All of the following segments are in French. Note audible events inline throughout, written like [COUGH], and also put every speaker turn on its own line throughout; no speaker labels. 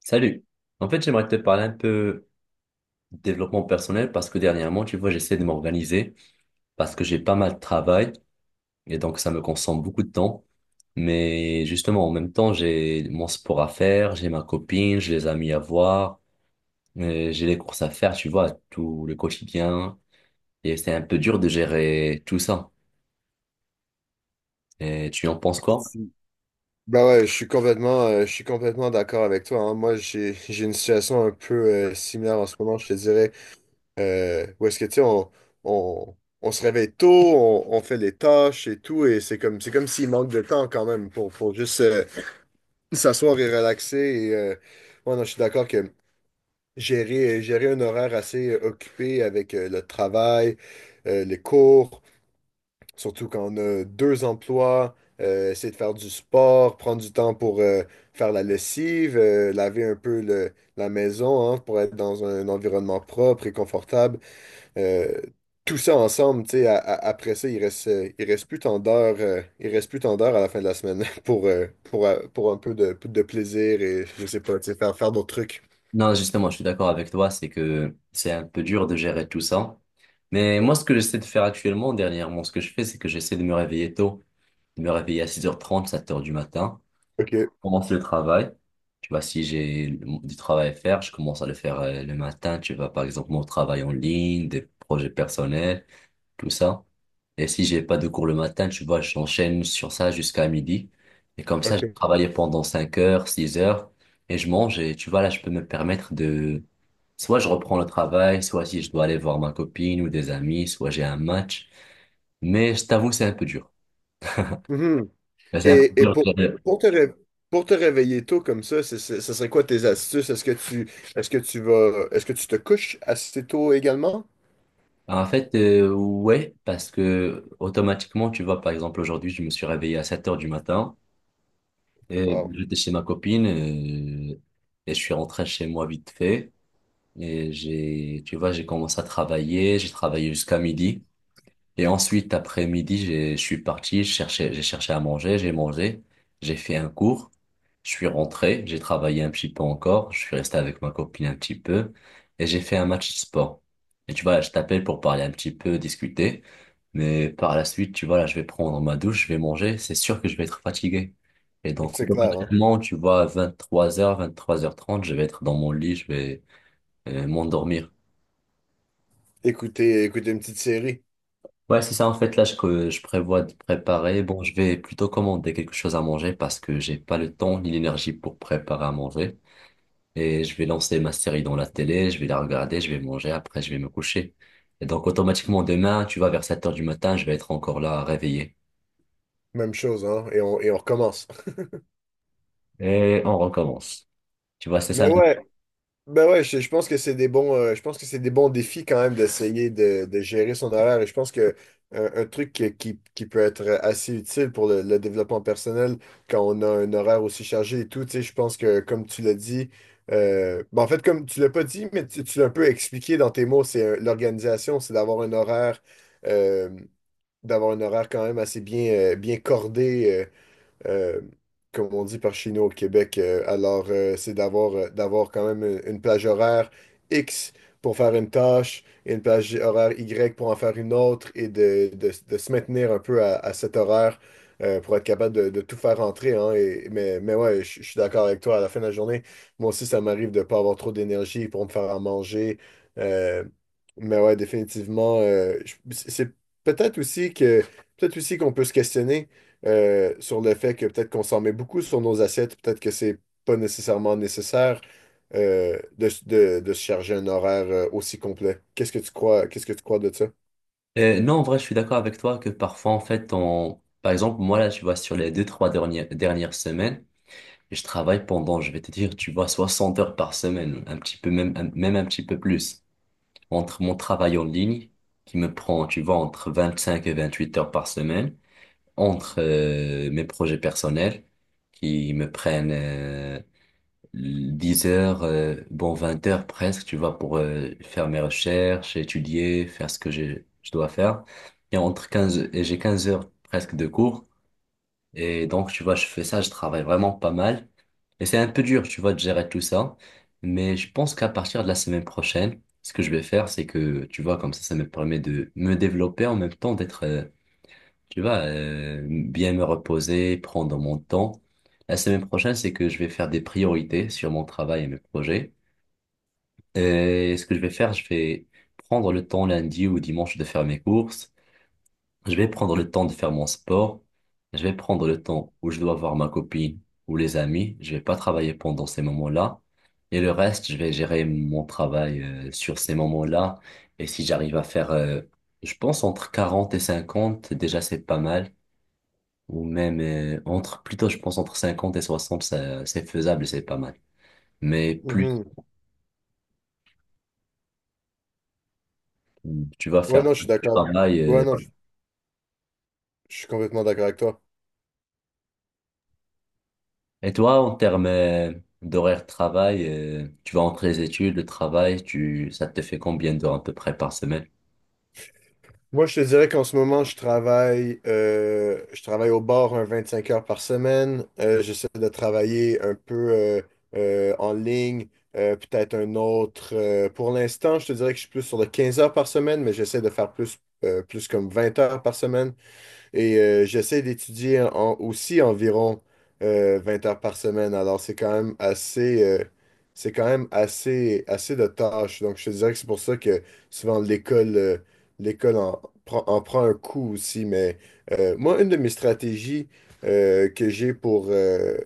Salut. En fait, j'aimerais te parler un peu de développement personnel parce que dernièrement, tu vois, j'essaie de m'organiser parce que j'ai pas mal de travail et donc ça me consomme beaucoup de temps. Mais justement, en même temps, j'ai mon sport à faire, j'ai ma copine, j'ai les amis à voir, j'ai les courses à faire, tu vois, tout le quotidien. Et c'est un peu dur de gérer tout ça. Et tu en penses quoi?
Bah ouais, je suis complètement d'accord avec toi, hein. Moi, j'ai une situation un peu similaire en ce moment, je te dirais. Où est-ce que, tu sais, on, on se réveille tôt, on fait les tâches et tout, et c'est comme s'il manque de temps quand même pour juste s'asseoir et relaxer. Et ouais, non, je suis d'accord que gérer un horaire assez occupé avec le travail, les cours. Surtout quand on a deux emplois, essayer de faire du sport, prendre du temps pour faire la lessive, laver un peu la maison, hein, pour être dans un environnement propre et confortable. Euh, tout ça ensemble, tu sais, après ça, il reste plus tant d'heures, il reste plus tant d'heures à la fin de la semaine [LAUGHS] pour un peu de plaisir et je sais pas, tu sais, faire d'autres trucs.
Non, justement, je suis d'accord avec toi, c'est que c'est un peu dur de gérer tout ça. Mais moi, ce que j'essaie de faire actuellement, dernièrement, ce que je fais, c'est que j'essaie de me réveiller tôt, de me réveiller à 6h30, 7h du matin,
OK,
commencer le travail. Tu vois, si j'ai du travail à faire, je commence à le faire le matin. Tu vois, par exemple, mon travail en ligne, des projets personnels tout ça. Et si j'ai pas de cours le matin, tu vois, j'enchaîne sur ça jusqu'à midi. Et comme ça, j'ai
OK.
travaillé pendant 5 heures, 6 heures, et je mange. Et tu vois, là, je peux me permettre de... Soit je reprends le travail, soit si je dois aller voir ma copine ou des amis, soit j'ai un match. Mais je t'avoue, c'est un peu dur.
Mhm.
Là, c'est un peu
Et
dur.
pour,
de-
pour te ré- pour te réveiller tôt comme ça, ce serait quoi tes astuces? Est-ce que tu vas est-ce que tu te couches assez tôt également?
En fait, ouais, parce que automatiquement, tu vois, par exemple, aujourd'hui, je me suis réveillé à 7h du matin. Et
Wow.
j'étais chez ma copine et je suis rentré chez moi vite fait. Et tu vois, j'ai commencé à travailler, j'ai travaillé jusqu'à midi. Et ensuite, après midi, je suis parti, j'ai cherché à manger, j'ai mangé, j'ai fait un cours, je suis rentré, j'ai travaillé un petit peu encore, je suis resté avec ma copine un petit peu, et j'ai fait un match de sport. Et tu vois, là, je t'appelle pour parler un petit peu, discuter, mais par la suite, tu vois, là, je vais prendre ma douche, je vais manger, c'est sûr que je vais être fatigué. Et donc,
C'est clair, hein?
automatiquement, tu vois, à 23h30, je vais être dans mon lit, je vais m'endormir.
Écouter, écouter une petite série,
Ouais, c'est ça, en fait, que je prévois de préparer. Bon, je vais plutôt commander quelque chose à manger parce que j'ai pas le temps ni l'énergie pour préparer à manger. Et je vais lancer ma série dans la télé, je vais la regarder, je vais manger, après je vais me coucher. Et donc automatiquement demain, tu vois, vers 7 heures du matin, je vais être encore là réveillé.
même chose, hein? Et on recommence.
Et on recommence. Tu vois,
[LAUGHS]
c'est
Mais
ça.
ouais. Ben ouais, je pense que c'est des bons, je pense que c'est des bons défis quand même d'essayer de gérer son horaire. Et je pense que un truc qui peut être assez utile pour le développement personnel quand on a un horaire aussi chargé et tout, tu sais, je pense que comme tu l'as dit, ben en fait, comme tu l'as pas dit, mais tu l'as un peu expliqué dans tes mots, c'est l'organisation, c'est euh, d'avoir un horaire quand même assez bien, bien cordé, euh, comme on dit par chez nous au Québec. Alors, c'est d'avoir d'avoir quand même une plage horaire X pour faire une tâche et une plage horaire Y pour en faire une autre et de, de se maintenir un peu à cet horaire pour être capable de tout faire rentrer, hein. Mais ouais, je suis d'accord avec toi. À la fin de la journée, moi aussi, ça m'arrive de ne pas avoir trop d'énergie pour me faire à manger. Euh, mais ouais, définitivement, c'est peut-être aussi que peut-être aussi qu'on peut se questionner sur le fait que peut-être qu'on s'en met beaucoup sur nos assiettes, peut-être que c'est pas nécessairement nécessaire de, de se charger un horaire aussi complet. Qu'est-ce que tu crois, qu'est-ce que tu crois de ça?
Non, en vrai, je suis d'accord avec toi que parfois, en fait, on... Par exemple, moi, là, tu vois, sur les deux, trois dernières semaines, je travaille pendant, je vais te dire, tu vois, 60 heures par semaine, un petit peu, même, même un petit peu plus. Entre mon travail en ligne, qui me prend, tu vois, entre 25 et 28 heures par semaine, entre mes projets personnels, qui me prennent 10 heures, bon, 20 heures presque, tu vois, pour faire mes recherches, étudier, faire ce que je dois faire. Et entre 15, et j'ai 15 heures presque de cours. Et donc, tu vois, je fais ça, je travaille vraiment pas mal. Et c'est un peu dur, tu vois, de gérer tout ça. Mais je pense qu'à partir de la semaine prochaine, ce que je vais faire, c'est que, tu vois, comme ça me permet de me développer en même temps, d'être, tu vois, bien me reposer, prendre mon temps. La semaine prochaine, c'est que je vais faire des priorités sur mon travail et mes projets. Et ce que je vais faire, je vais prendre le temps lundi ou dimanche de faire mes courses. Je vais prendre le temps de faire mon sport. Je vais prendre le temps où je dois voir ma copine ou les amis. Je vais pas travailler pendant ces moments-là. Et le reste, je vais gérer mon travail sur ces moments-là. Et si j'arrive à faire, je pense, entre 40 et 50, déjà c'est pas mal. Ou même entre, plutôt, je pense, entre 50 et 60, c'est faisable et c'est pas mal. Mais plus
Mhm.
tu vas
Ouais,
faire
non, je
le
suis d'accord.
travail,
Ouais, non, je suis complètement d'accord avec toi.
et toi, en termes d'horaire de travail, tu vas entre les études, le travail, ça te fait combien d'heures à peu près par semaine?
Moi, je te dirais qu'en ce moment, je travaille au bar un 25 heures par semaine. J'essaie de travailler un peu en ligne, peut-être un autre, pour l'instant, je te dirais que je suis plus sur le 15 heures par semaine, mais j'essaie de faire plus, plus comme 20 heures par semaine. Et j'essaie aussi environ 20 heures par semaine. Alors, c'est quand même assez, c'est quand même assez, assez de tâches. Donc, je te dirais que c'est pour ça que souvent l'école prend en prend un coup aussi. Mais moi, une de mes stratégies que j'ai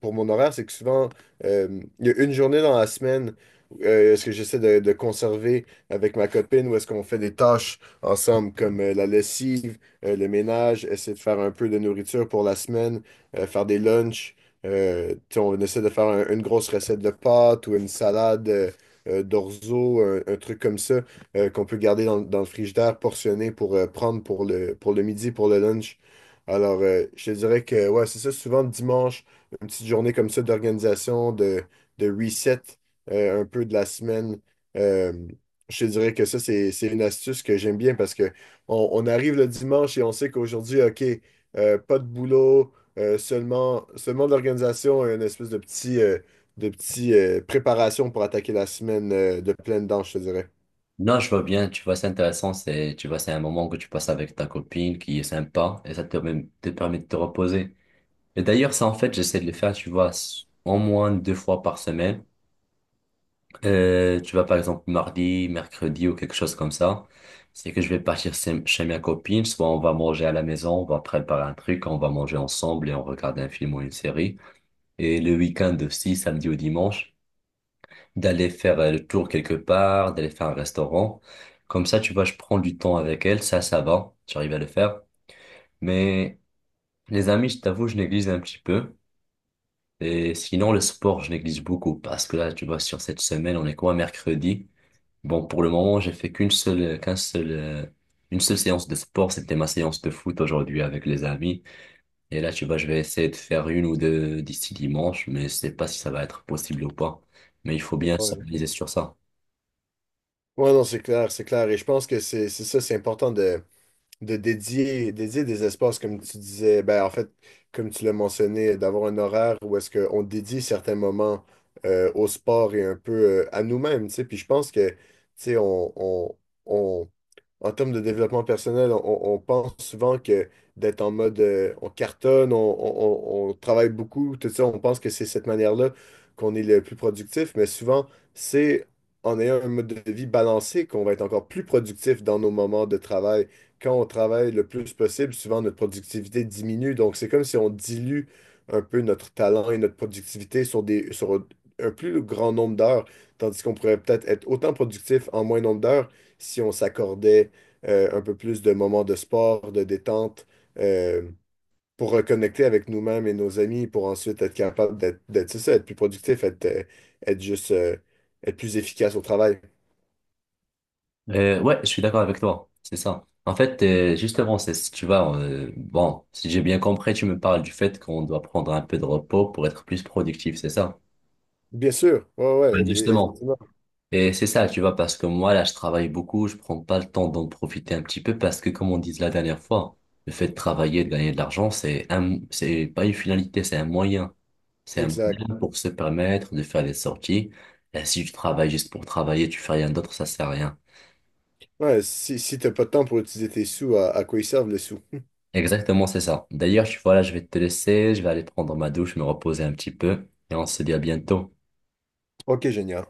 pour mon horaire, c'est que souvent, il y a une journée dans la semaine, est-ce que j'essaie de conserver avec ma copine ou est-ce qu'on fait des tâches ensemble comme la lessive, le ménage, essayer de faire un peu de nourriture pour la semaine, faire des lunchs. Tu sais, on essaie de faire une grosse recette de pâtes ou une salade d'orzo, un truc comme ça qu'on peut garder dans, dans le frigidaire, portionné pour prendre pour le midi, pour le lunch. Alors, je te dirais que ouais, c'est ça, souvent le dimanche, une petite journée comme ça d'organisation, de reset un peu de la semaine. Euh, je te dirais que ça, c'est une astuce que j'aime bien parce que on arrive le dimanche et on sait qu'aujourd'hui, OK, pas de boulot, seulement de l'organisation et une espèce de petit préparation pour attaquer la semaine de pleine dent, je te dirais.
Non, je vois bien, tu vois, c'est intéressant, c'est, tu vois, c'est un moment que tu passes avec ta copine qui est sympa et ça te permet de te reposer. Et d'ailleurs, ça, en fait, j'essaie de le faire, tu vois, au moins 2 fois par semaine. Tu vois, par exemple, mardi, mercredi ou quelque chose comme ça. C'est que je vais partir chez ma copine, soit on va manger à la maison, on va préparer un truc, on va manger ensemble et on regarde un film ou une série. Et le week-end aussi, samedi ou dimanche, d'aller faire le tour quelque part, d'aller faire un restaurant. Comme ça, tu vois, je prends du temps avec elle, ça va, j'arrive à le faire. Mais les amis, je t'avoue, je néglige un petit peu. Et sinon, le sport, je néglige beaucoup parce que là, tu vois, sur cette semaine, on est quoi, mercredi? Bon, pour le moment, j'ai fait qu'un seul, une seule séance de sport. C'était ma séance de foot aujourd'hui avec les amis. Et là, tu vois, je vais essayer de faire 1 ou 2 d'ici dimanche, mais je sais pas si ça va être possible ou pas. Mais il faut bien
Ouais,
s'organiser sur ça.
Ouais, non, c'est clair, c'est clair. Et je pense que c'est ça, c'est important de dédier, dédier des espaces, comme tu disais, ben, en fait, comme tu l'as mentionné, d'avoir un horaire où est-ce qu'on dédie certains moments au sport et un peu à nous-mêmes, tu sais. Puis je pense que, tu sais, on- en termes de développement personnel, on pense souvent que d'être en mode on cartonne, on travaille beaucoup, tout ça, on pense que c'est cette manière-là qu'on est le plus productif, mais souvent, c'est en ayant un mode de vie balancé qu'on va être encore plus productif dans nos moments de travail. Quand on travaille le plus possible, souvent notre productivité diminue, donc c'est comme si on dilue un peu notre talent et notre productivité sur des, sur un plus grand nombre d'heures, tandis qu'on pourrait peut-être être autant productif en moins nombre d'heures si on s'accordait un peu plus de moments de sport, de détente, euh, pour reconnecter avec nous-mêmes et nos amis, pour ensuite être capable d'être, c'est ça, être plus productif, être, être juste, être plus efficace au travail.
Ouais, je suis d'accord avec toi. C'est ça. En fait, justement, c'est si tu vas, bon, si j'ai bien compris, tu me parles du fait qu'on doit prendre un peu de repos pour être plus productif, c'est ça?
Bien sûr, ouais,
Ouais,
ouais, e- e-
justement.
effectivement,
Et c'est ça, tu vois, parce que moi, là, je travaille beaucoup, je prends pas le temps d'en profiter un petit peu parce que, comme on disait la dernière fois, le fait de travailler, de gagner de l'argent, c'est c'est pas une finalité, c'est un moyen. C'est un
exact.
moyen pour se permettre de faire des sorties. Et si tu travailles juste pour travailler, tu fais rien d'autre, ça sert à rien.
Ouais, si, si t'as pas de temps pour utiliser tes sous, à quoi ils servent les sous?
Exactement, c'est ça. D'ailleurs, voilà, je vais te laisser, je vais aller prendre ma douche, me reposer un petit peu, et on se dit à bientôt.
Ok, génial.